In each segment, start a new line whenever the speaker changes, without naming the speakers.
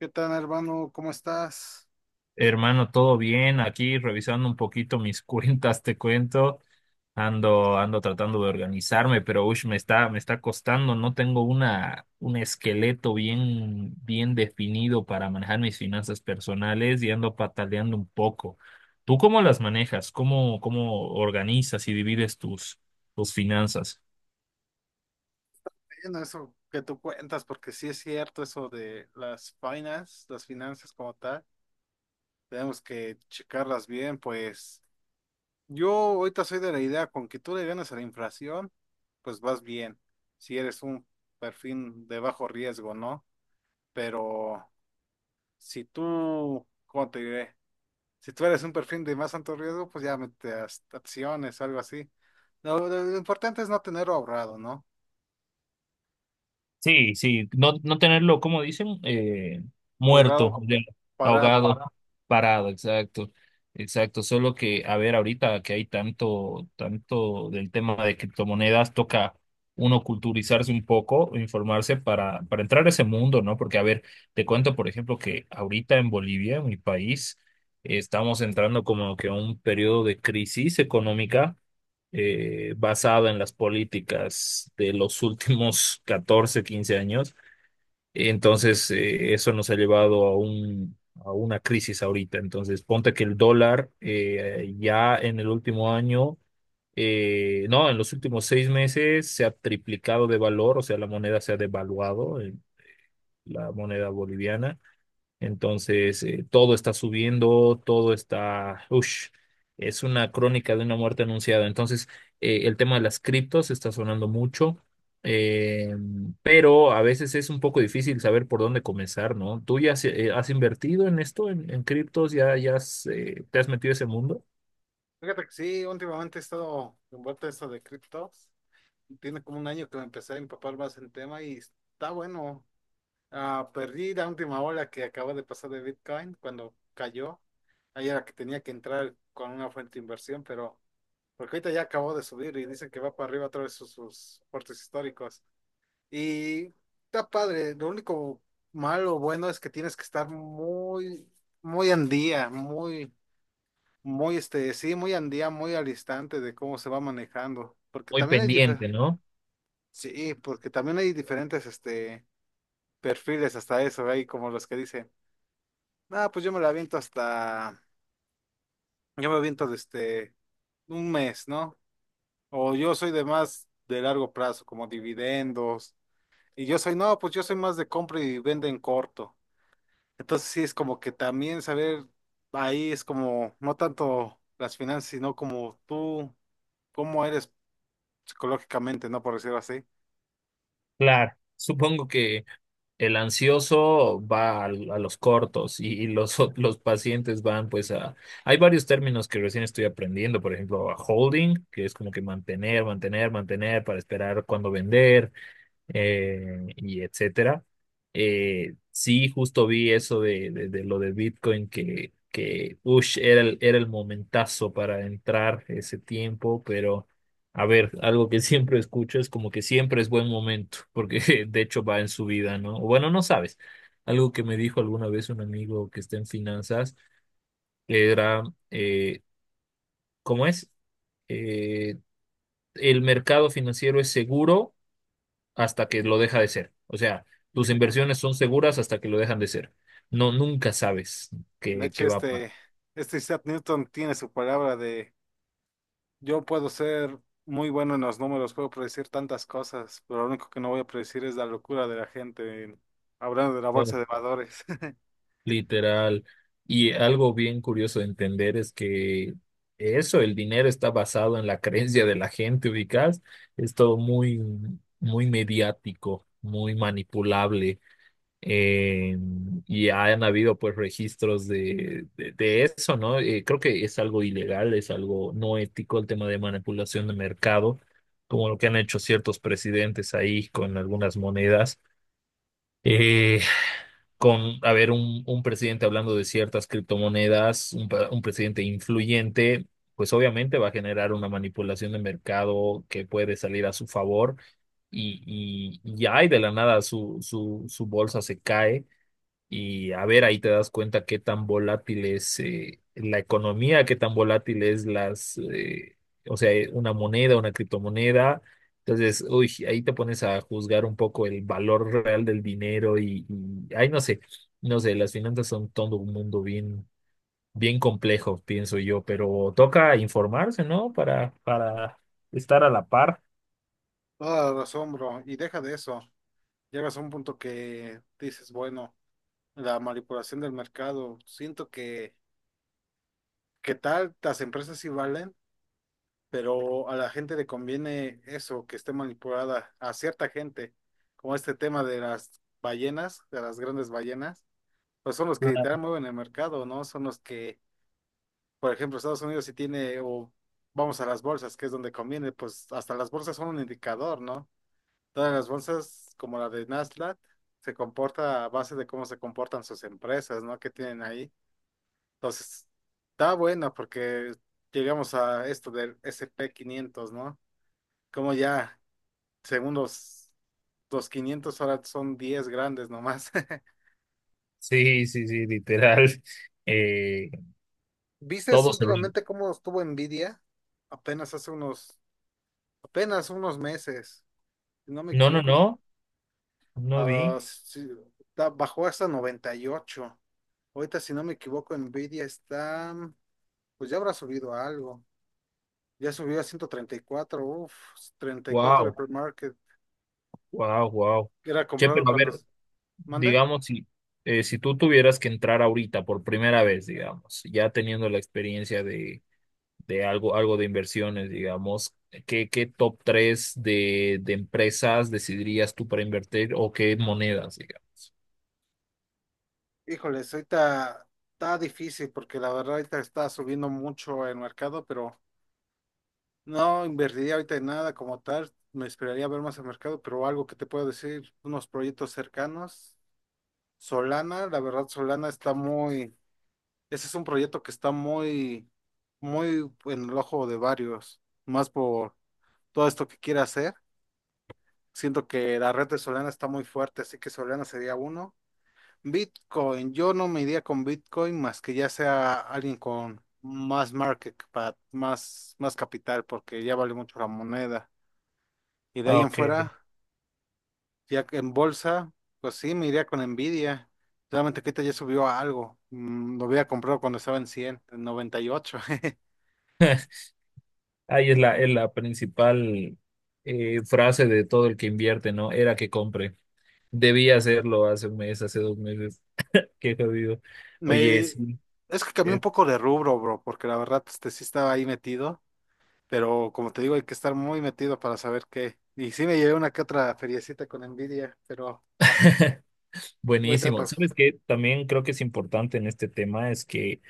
¿Qué tal, hermano? ¿Cómo estás?
Hermano, todo bien, aquí revisando un poquito mis cuentas, te cuento. Ando tratando de organizarme, pero uy, me está costando. No tengo un esqueleto bien definido para manejar mis finanzas personales y ando pataleando un poco. ¿Tú cómo las manejas? ¿Cómo organizas y divides tus finanzas?
Bueno, eso que tú cuentas, porque sí es cierto eso de las finanzas como tal, tenemos que checarlas bien, pues yo ahorita soy de la idea, con que tú le ganes a la inflación, pues vas bien, si eres un perfil de bajo riesgo, ¿no? Pero si tú, ¿cómo te diré? Si tú eres un perfil de más alto riesgo, pues ya mete hasta acciones, algo así. Lo importante es no tenerlo ahorrado, ¿no?
Sí, no, no tenerlo, como dicen,
Ahorrado
muerto, ya,
parado.
ahogado, parado, exacto. Solo que, a ver, ahorita que hay tanto del tema de criptomonedas, toca uno culturizarse un poco, informarse para entrar a ese mundo, ¿no? Porque, a ver, te cuento, por ejemplo, que ahorita en Bolivia, en mi país, estamos entrando como que a un periodo de crisis económica, basado en las políticas de los últimos 14 15 años. Entonces, eso nos ha llevado a a una crisis ahorita. Entonces, ponte que el dólar, ya en el último año, no, en los últimos 6 meses se ha triplicado de valor, o sea, la moneda se ha devaluado, la moneda boliviana. Entonces, todo está subiendo, todo está... Ush, es una crónica de una muerte anunciada. Entonces, el tema de las criptos está sonando mucho, eh, pero a veces es un poco difícil saber por dónde comenzar, ¿no? ¿Tú ya has, has invertido en esto, en criptos? Ya has, te has metido a ese mundo?
Fíjate que sí, últimamente he estado envuelto en esto de criptos. Tiene como un año que me empecé a empapar más en tema y está bueno. Ah, perdí la última ola que acaba de pasar de Bitcoin cuando cayó. Ahí era que tenía que entrar con una fuente de inversión, pero porque ahorita ya acabó de subir y dicen que va para arriba otra vez sus, sus fuertes históricos. Y está padre. Lo único malo o bueno es que tienes que estar muy, muy en día, muy muy, sí, muy andía, muy al instante de cómo se va manejando, porque
Muy
también hay
pendiente,
diferentes,
¿no?
sí, porque también hay diferentes, perfiles hasta eso, hay como los que dicen, ah, pues yo me la aviento hasta, yo me aviento desde un mes, ¿no? O yo soy de más de largo plazo, como dividendos, y yo soy, no, pues yo soy más de compra y vende en corto, entonces sí, es como que también saber, ahí es como, no tanto las finanzas, sino como tú, cómo eres psicológicamente, ¿no? Por decirlo así.
Claro, supongo que... El ansioso va a los cortos y los, los pacientes van pues a... Hay varios términos que recién estoy aprendiendo, por ejemplo, a holding, que es como que mantener para esperar cuando vender, y etcétera. Sí, justo vi eso de lo de Bitcoin que ush, era el momentazo para entrar ese tiempo, pero a ver, algo que siempre escucho es como que siempre es buen momento, porque de hecho va en subida, ¿no? O bueno, no sabes. Algo que me dijo alguna vez un amigo que está en finanzas era, eh, ¿cómo es? eh, el mercado financiero es seguro hasta que lo deja de ser. O sea, tus inversiones son seguras hasta que lo dejan de ser. No, nunca sabes
De hecho,
qué va a pasar.
este Isaac Newton tiene su palabra de yo puedo ser muy bueno en los números, puedo predecir tantas cosas, pero lo único que no voy a predecir es la locura de la gente hablando de la bolsa
No,
de valores.
literal. Y algo bien curioso de entender es que eso, el dinero está basado en la creencia de la gente, ubicás. Es todo muy mediático, muy manipulable. Eh, y han habido pues registros de eso, ¿no? Creo que es algo ilegal, es algo no ético el tema de manipulación de mercado, como lo que han hecho ciertos presidentes ahí con algunas monedas. Eh, con, a ver, un presidente hablando de ciertas criptomonedas, un presidente influyente, pues obviamente va a generar una manipulación de mercado que puede salir a su favor y ay, de la nada su bolsa se cae. Y a ver, ahí te das cuenta qué tan volátil es, la economía, qué tan volátil es las, una moneda, una criptomoneda. Entonces, uy, ahí te pones a juzgar un poco el valor real del dinero y ay, no sé, las finanzas son todo un mundo bien, bien complejo, pienso yo, pero toca informarse, ¿no? Para estar a la par.
Todo asombro, y deja de eso. Llegas a un punto que dices, bueno, la manipulación del mercado, siento que tal, las empresas sí valen. Pero a la gente le conviene eso, que esté manipulada a cierta gente, como este tema de las ballenas, de las grandes ballenas, pues son los que
Claro.
literal mueven el mercado, ¿no? Son los que, por ejemplo, Estados Unidos si tiene, o vamos a las bolsas, que es donde conviene, pues hasta las bolsas son un indicador, ¿no? Todas las bolsas, como la de Nasdaq, se comporta a base de cómo se comportan sus empresas, ¿no? Que tienen ahí. Entonces, está buena porque llegamos a esto del S&P 500, ¿no? Como ya, según los 500 ahora son 10 grandes nomás.
Sí, sí, sí, literal. Eh,
¿Vistes
todo se...
últimamente cómo estuvo Nvidia? Apenas hace unos, apenas unos meses, si no me
No, no,
equivoco,
no, no vi.
ah, sí, bajó hasta 98. Ahorita, si no me equivoco, Nvidia está, pues ya habrá subido a algo. Ya subió a 134, uff, 34 de
Wow,
pre-market.
wow, wow.
Era
Che,
comprado
pero a
cuando,
ver,
¿mande?
digamos, si tú tuvieras que entrar ahorita por primera vez, digamos, ya teniendo la experiencia de algo de inversiones, digamos, qué top 3 de empresas decidirías tú para invertir o qué monedas, digamos?
Híjoles, ahorita está difícil porque la verdad ahorita está subiendo mucho el mercado, pero no invertiría ahorita en nada como tal. Me esperaría ver más el mercado, pero algo que te puedo decir, unos proyectos cercanos. Solana, la verdad Solana está muy, ese es un proyecto que está muy, muy en el ojo de varios, más por todo esto que quiere hacer. Siento que la red de Solana está muy fuerte, así que Solana sería uno. Bitcoin, yo no me iría con Bitcoin más que ya sea alguien con más market cap, más, más capital, porque ya vale mucho la moneda. Y de ahí
Ah,
en
ok.
fuera, ya que en bolsa, pues sí, me iría con Nvidia. Solamente que ahorita ya subió a algo. Lo había comprado cuando estaba en 100, en 98.
Ahí es es la principal, frase de todo el que invierte, ¿no? Era que compre. Debía hacerlo hace 1 mes, hace 2 meses. Qué jodido. Oye,
Me...
sí.
Es que cambié un poco de rubro, bro, porque la verdad este, sí estaba ahí metido, pero como te digo, hay que estar muy metido para saber qué. Y sí me llevé una que otra feriecita con Nvidia, pero... Ahorita,
Buenísimo.
pues,
¿Sabes qué? También creo que es importante en este tema es que,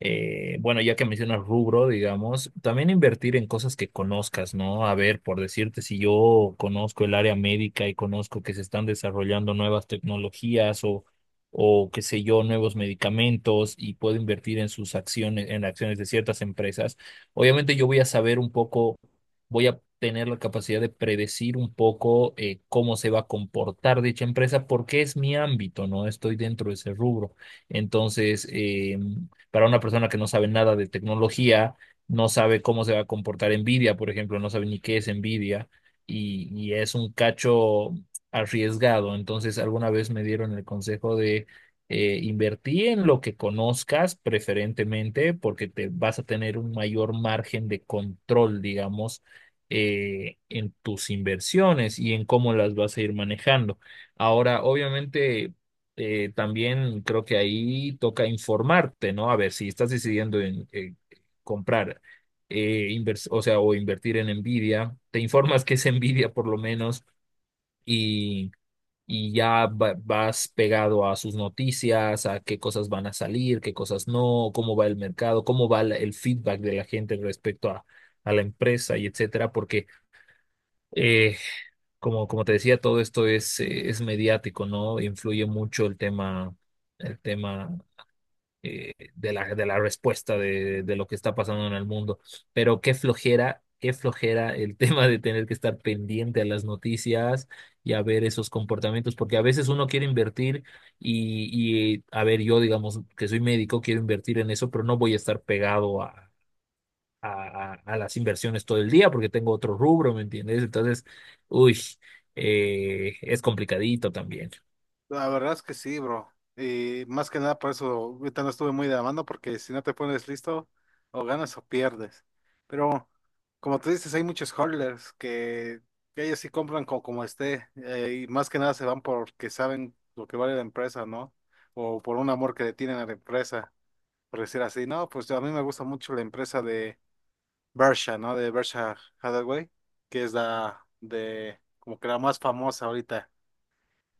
bueno, ya que mencionas rubro, digamos, también invertir en cosas que conozcas, ¿no? A ver, por decirte, si yo conozco el área médica y conozco que se están desarrollando nuevas tecnologías o qué sé yo, nuevos medicamentos y puedo invertir en sus acciones, en acciones de ciertas empresas, obviamente yo voy a saber un poco, voy a tener la capacidad de predecir un poco, cómo se va a comportar dicha empresa porque es mi ámbito, ¿no? Estoy dentro de ese rubro. Entonces, para una persona que no sabe nada de tecnología, no sabe cómo se va a comportar Nvidia, por ejemplo, no sabe ni qué es Nvidia y es un cacho arriesgado. Entonces, alguna vez me dieron el consejo de, invertir en lo que conozcas preferentemente porque te vas a tener un mayor margen de control, digamos, en tus inversiones y en cómo las vas a ir manejando. Ahora, obviamente, también creo que ahí toca informarte, ¿no? A ver, si estás decidiendo en, comprar, o invertir en Nvidia, te informas que es Nvidia por lo menos y, y ya vas pegado a sus noticias, a qué cosas van a salir, qué cosas no, cómo va el mercado, cómo va el feedback de la gente respecto a la empresa y etcétera, porque eh, como, como te decía, todo esto es mediático, ¿no? Influye mucho el tema, el tema de de la respuesta de lo que está pasando en el mundo. Pero qué flojera el tema de tener que estar pendiente a las noticias y a ver esos comportamientos, porque a veces uno quiere invertir y a ver, yo digamos que soy médico, quiero invertir en eso, pero no voy a estar pegado a las inversiones todo el día porque tengo otro rubro, ¿me entiendes? Entonces, uy, es complicadito también.
la verdad es que sí, bro. Y más que nada por eso ahorita no estuve muy de la mano, porque si no te pones listo, o ganas o pierdes. Pero, como tú dices, hay muchos holders que ellos sí compran como, y más que nada se van porque saben lo que vale la empresa, ¿no? O por un amor que le tienen a la empresa, por decir así. No, pues a mí me gusta mucho la empresa de Berkshire, ¿no? De Berkshire Hathaway, que es la de, como que la más famosa ahorita.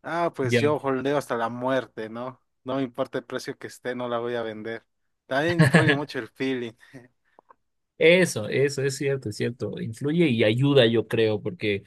Ah, pues
Ya.
yo holdeo hasta la muerte, ¿no? No me importa el precio que esté, no la voy a vender. También influye mucho el feeling.
Eso es cierto, es cierto. Influye y ayuda, yo creo, porque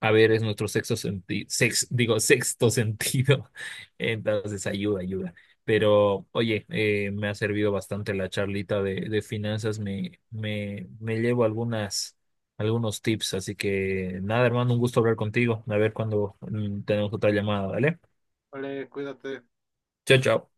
a ver, es nuestro sexto sentido, digo, sexto sentido. Entonces, ayuda, ayuda. Pero, oye, me ha servido bastante la charlita de finanzas. Me llevo algunas, algunos tips. Así que, nada, hermano, un gusto hablar contigo. A ver cuando mm, tenemos otra llamada, ¿vale?
Vale, cuídate.
Chao, chao.